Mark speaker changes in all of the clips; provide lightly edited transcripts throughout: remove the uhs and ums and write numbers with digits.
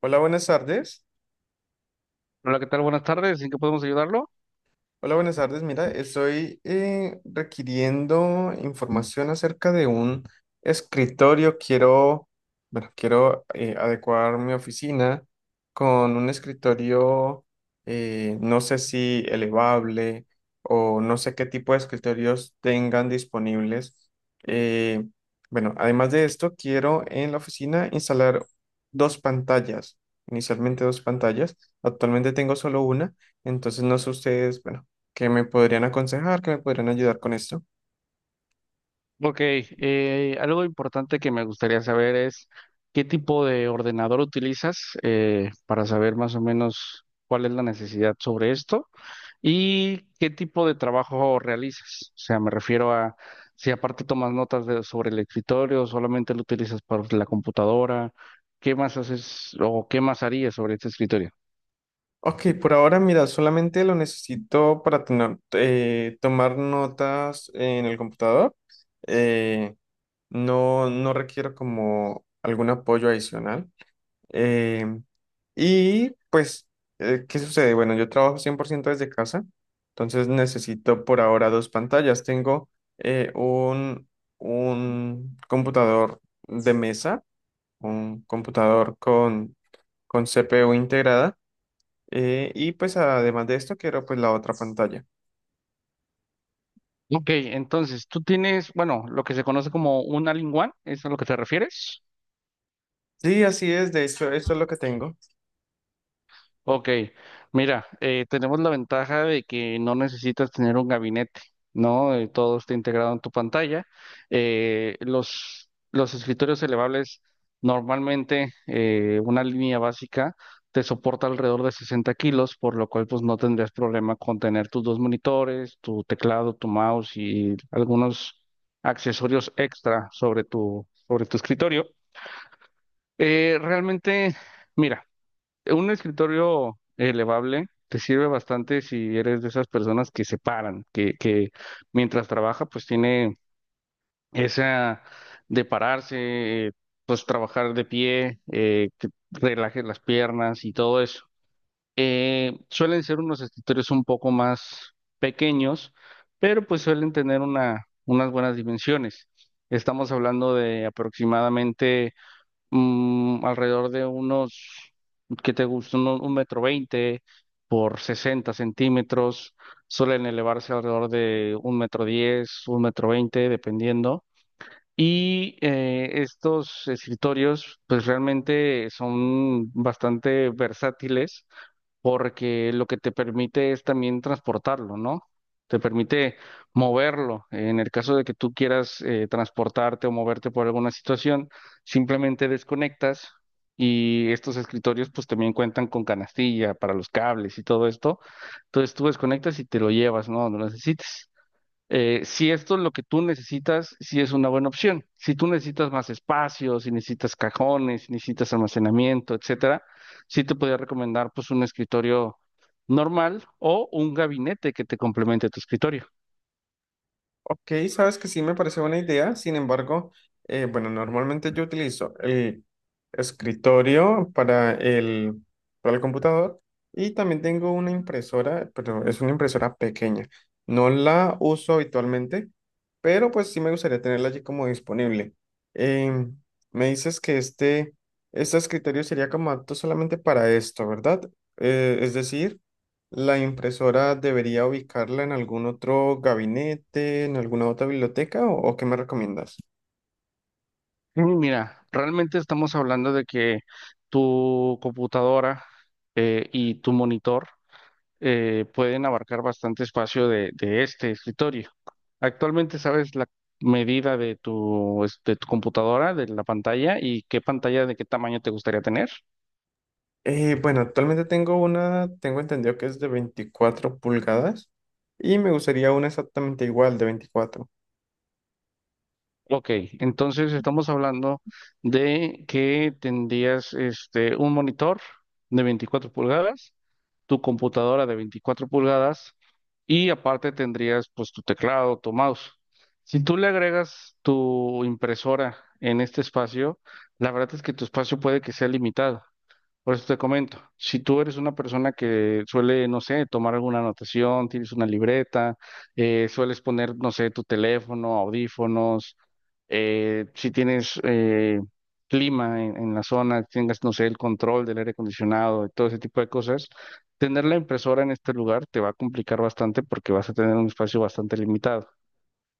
Speaker 1: Hola, buenas tardes.
Speaker 2: Hola, ¿qué tal? Buenas tardes. ¿En qué podemos ayudarlo?
Speaker 1: Hola, buenas tardes. Mira, estoy requiriendo información acerca de un escritorio. Quiero, bueno, quiero adecuar mi oficina con un escritorio, no sé si elevable o no sé qué tipo de escritorios tengan disponibles. Eh, bueno, además de esto, quiero en la oficina instalar dos pantallas, inicialmente dos pantallas. Actualmente tengo solo una. Entonces, no sé ustedes, bueno, ¿qué me podrían aconsejar? ¿Qué me podrían ayudar con esto?
Speaker 2: Ok, algo importante que me gustaría saber es qué tipo de ordenador utilizas para saber más o menos cuál es la necesidad sobre esto y qué tipo de trabajo realizas. O sea, me refiero a si aparte tomas notas sobre el escritorio, solamente lo utilizas para la computadora, ¿qué más haces o qué más harías sobre este escritorio?
Speaker 1: Ok, por ahora, mira, solamente lo necesito para tomar notas en el computador. Eh, no, no requiero como algún apoyo adicional. Eh, y pues, ¿Qué sucede? Bueno, yo trabajo 100% desde casa, entonces necesito por ahora dos pantallas. Tengo eh, un, un computador de mesa, un computador con CPU integrada y pues además de esto quiero pues la otra pantalla.
Speaker 2: Ok, entonces tú tienes, bueno, lo que se conoce como un all-in-one, ¿es a lo que te refieres?
Speaker 1: Sí, así es, de hecho eso es lo que tengo.
Speaker 2: Ok, mira, tenemos la ventaja de que no necesitas tener un gabinete, ¿no? Todo está integrado en tu pantalla. Los escritorios elevables, normalmente una línea básica te soporta alrededor de 60 kilos, por lo cual pues no tendrías problema con tener tus dos monitores, tu teclado, tu mouse y algunos accesorios extra sobre tu escritorio. Realmente, mira. Un escritorio elevable te sirve bastante si eres de esas personas que se paran, que mientras trabaja pues tiene esa de pararse, pues trabajar de pie, que relaje las piernas y todo eso. Suelen ser unos escritorios un poco más pequeños, pero pues suelen tener unas buenas dimensiones. Estamos hablando de aproximadamente alrededor de unos, ¿qué te gusta? Metro veinte por 60 centímetros, suelen elevarse alrededor de un metro diez, un metro veinte, dependiendo. Y estos escritorios, pues realmente son bastante versátiles porque lo que te permite es también transportarlo, ¿no? Te permite moverlo. En el caso de que tú quieras transportarte o moverte por alguna situación, simplemente desconectas y estos escritorios pues también cuentan con canastilla para los cables y todo esto. Entonces tú desconectas y te lo llevas, ¿no? No lo necesites si esto es lo que tú necesitas, sí es una buena opción. Si tú necesitas más espacio, si necesitas cajones, si necesitas almacenamiento, etcétera, sí te podría recomendar pues un escritorio normal o un gabinete que te complemente tu escritorio.
Speaker 1: Ok, sabes que sí me parece buena idea, sin embargo, bueno, normalmente yo utilizo el escritorio para para el computador y también tengo una impresora, pero es una impresora pequeña. No la uso habitualmente, pero pues sí me gustaría tenerla allí como disponible. Em, Me dices que este escritorio sería como apto solamente para esto, ¿verdad? Es decir, ¿la impresora debería ubicarla en algún otro gabinete, en alguna otra biblioteca o qué me recomiendas?
Speaker 2: Y mira, realmente estamos hablando de que tu computadora y tu monitor pueden abarcar bastante espacio de este escritorio. Actualmente sabes la medida de de tu computadora, de la pantalla y qué pantalla de qué tamaño te gustaría tener.
Speaker 1: Bueno, actualmente tengo entendido que es de 24 pulgadas y me gustaría una exactamente igual de 24.
Speaker 2: Ok, entonces estamos hablando de que tendrías este, un monitor de 24 pulgadas, tu computadora de 24 pulgadas y aparte tendrías pues tu teclado, tu mouse. Si tú le agregas tu impresora en este espacio, la verdad es que tu espacio puede que sea limitado. Por eso te comento, si tú eres una persona que suele, no sé, tomar alguna anotación, tienes una libreta, sueles poner, no sé, tu teléfono, audífonos, si tienes clima en la zona, tengas, no sé, el control del aire acondicionado y todo ese tipo de cosas, tener la impresora en este lugar te va a complicar bastante porque vas a tener un espacio bastante limitado.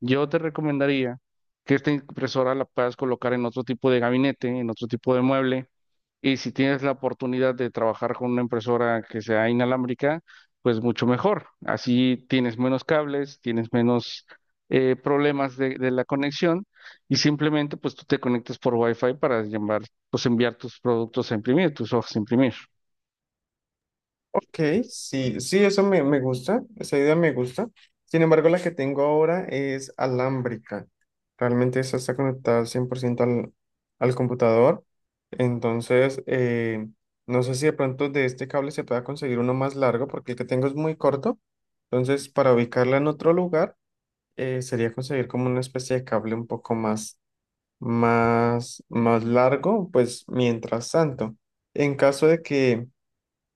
Speaker 2: Yo te recomendaría que esta impresora la puedas colocar en otro tipo de gabinete, en otro tipo de mueble y si tienes la oportunidad de trabajar con una impresora que sea inalámbrica, pues mucho mejor. Así tienes menos cables, tienes menos problemas de la conexión y simplemente pues tú te conectas por Wi-Fi para llamar, pues enviar tus productos a imprimir, tus hojas a imprimir.
Speaker 1: Ok, sí, sí, eso me gusta, esa idea me gusta. Sin embargo, la que tengo ahora es alámbrica. Realmente esa está conectada al 100% al computador. Entonces, no sé si de pronto de este cable se pueda conseguir uno más largo, porque el que tengo es muy corto. Entonces, para ubicarla en otro lugar, sería conseguir como una especie de cable un poco más largo, pues mientras tanto. En caso de que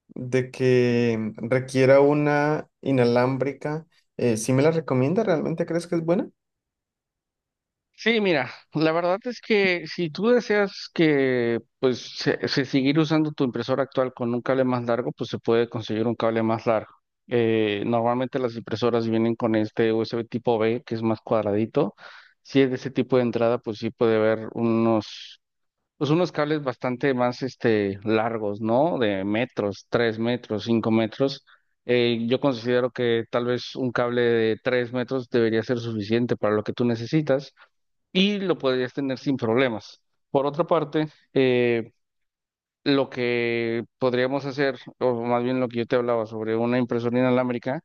Speaker 1: de que requiera una inalámbrica, ¿sí me la recomienda? ¿Realmente crees que es buena?
Speaker 2: Sí, mira, la verdad es que si tú deseas que se seguir usando tu impresora actual con un cable más largo, pues se puede conseguir un cable más largo. Normalmente las impresoras vienen con este USB tipo B, que es más cuadradito. Si es de ese tipo de entrada, pues sí puede haber pues unos cables bastante más este largos, ¿no? De metros, tres metros, cinco metros. Yo considero que tal vez un cable de tres metros debería ser suficiente para lo que tú necesitas y lo podrías tener sin problemas. Por otra parte, eh, lo que podríamos hacer, o más bien lo que yo te hablaba sobre una impresora inalámbrica,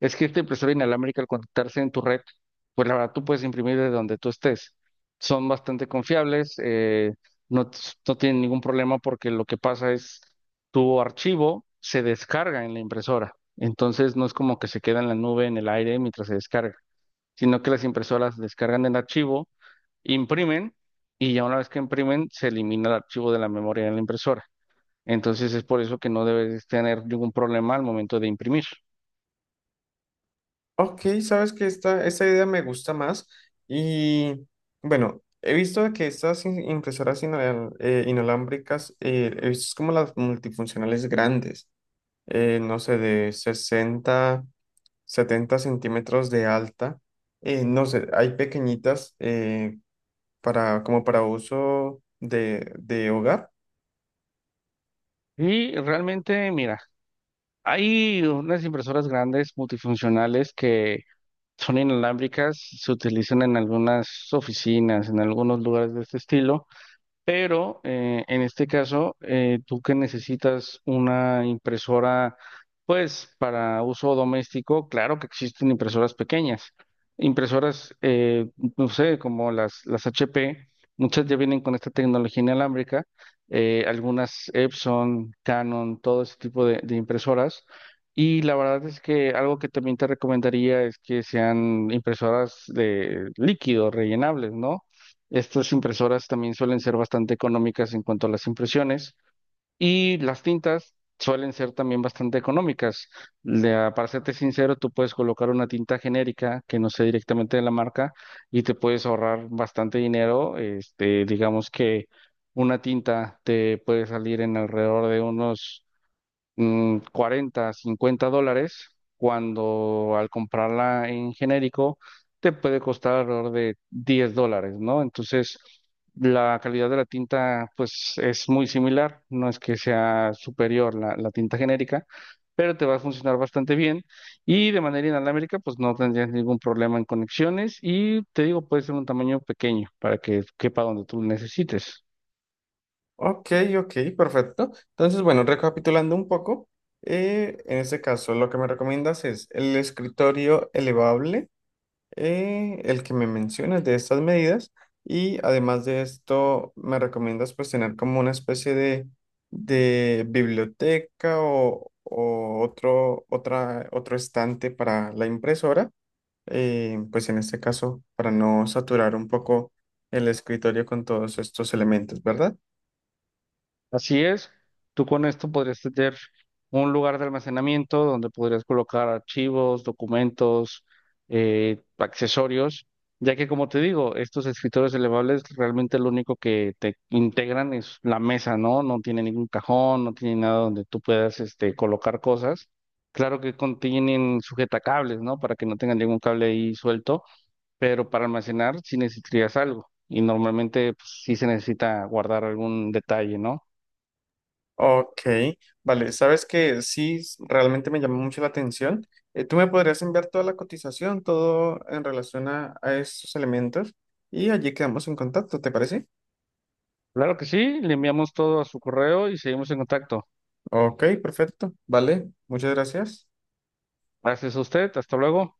Speaker 2: es que esta impresora inalámbrica al conectarse en tu red, pues la verdad tú puedes imprimir de donde tú estés. Son bastante confiables, no, t- no tienen ningún problema porque lo que pasa es tu archivo se descarga en la impresora. Entonces no es como que se queda en la nube, en el aire mientras se descarga, sino que las impresoras descargan el archivo imprimen y ya una vez que imprimen se elimina el archivo de la memoria de la impresora. Entonces es por eso que no debes tener ningún problema al momento de imprimir.
Speaker 1: Ok, sabes que esta idea me gusta más y bueno, he visto que estas inalámbricas, he visto es como las multifuncionales grandes, no sé, de 60 70 centímetros de alta, no sé, hay pequeñitas para, como para uso de hogar.
Speaker 2: Y realmente, mira, hay unas impresoras grandes multifuncionales que son inalámbricas, se utilizan en algunas oficinas, en algunos lugares de este estilo. Pero en este caso, tú que necesitas una impresora, pues para uso doméstico, claro que existen impresoras pequeñas. Impresoras, no sé, como las HP, muchas ya vienen con esta tecnología inalámbrica, algunas Epson, Canon, todo ese tipo de impresoras. Y la verdad es que algo que también te recomendaría es que sean impresoras de líquido, rellenables, ¿no? Estas impresoras también suelen ser bastante económicas en cuanto a las impresiones y las tintas suelen ser también bastante económicas. Para serte sincero, tú puedes colocar una tinta genérica que no sea directamente de la marca y te puedes ahorrar bastante dinero. Este, digamos que una tinta te puede salir en alrededor de unos 40, 50 dólares, cuando al comprarla en genérico te puede costar alrededor de 10 dólares, ¿no? Entonces, la calidad de la tinta, pues, es muy similar, no es que sea superior la tinta genérica, pero te va a funcionar bastante bien y de manera inalámbrica, pues, no tendrías ningún problema en conexiones y te digo, puede ser un tamaño pequeño para que quepa donde tú necesites.
Speaker 1: Ok, ok, perfecto. Entonces, bueno, recapitulando un poco, en este caso lo que me recomiendas es el escritorio elevable, el que me mencionas de estas medidas, y además de esto me recomiendas pues tener como una especie de biblioteca otro estante para la impresora, pues en este caso para no saturar un poco el escritorio con todos estos elementos, ¿verdad?
Speaker 2: Así es, tú con esto podrías tener un lugar de almacenamiento donde podrías colocar archivos, documentos, accesorios, ya que como te digo, estos escritorios elevables realmente lo único que te integran es la mesa, ¿no? No tiene ningún cajón, no tiene nada donde tú puedas este, colocar cosas. Claro que contienen sujetacables, ¿no? Para que no tengan ningún cable ahí suelto, pero para almacenar sí necesitarías algo y normalmente pues, sí se necesita guardar algún detalle, ¿no?
Speaker 1: Ok, vale, sabes que sí, realmente me llamó mucho la atención. Tú me podrías enviar toda la cotización, todo en relación a estos elementos y allí quedamos en contacto, ¿te parece?
Speaker 2: Claro que sí, le enviamos todo a su correo y seguimos en contacto.
Speaker 1: Ok, perfecto, vale, muchas gracias.
Speaker 2: Gracias a usted, hasta luego.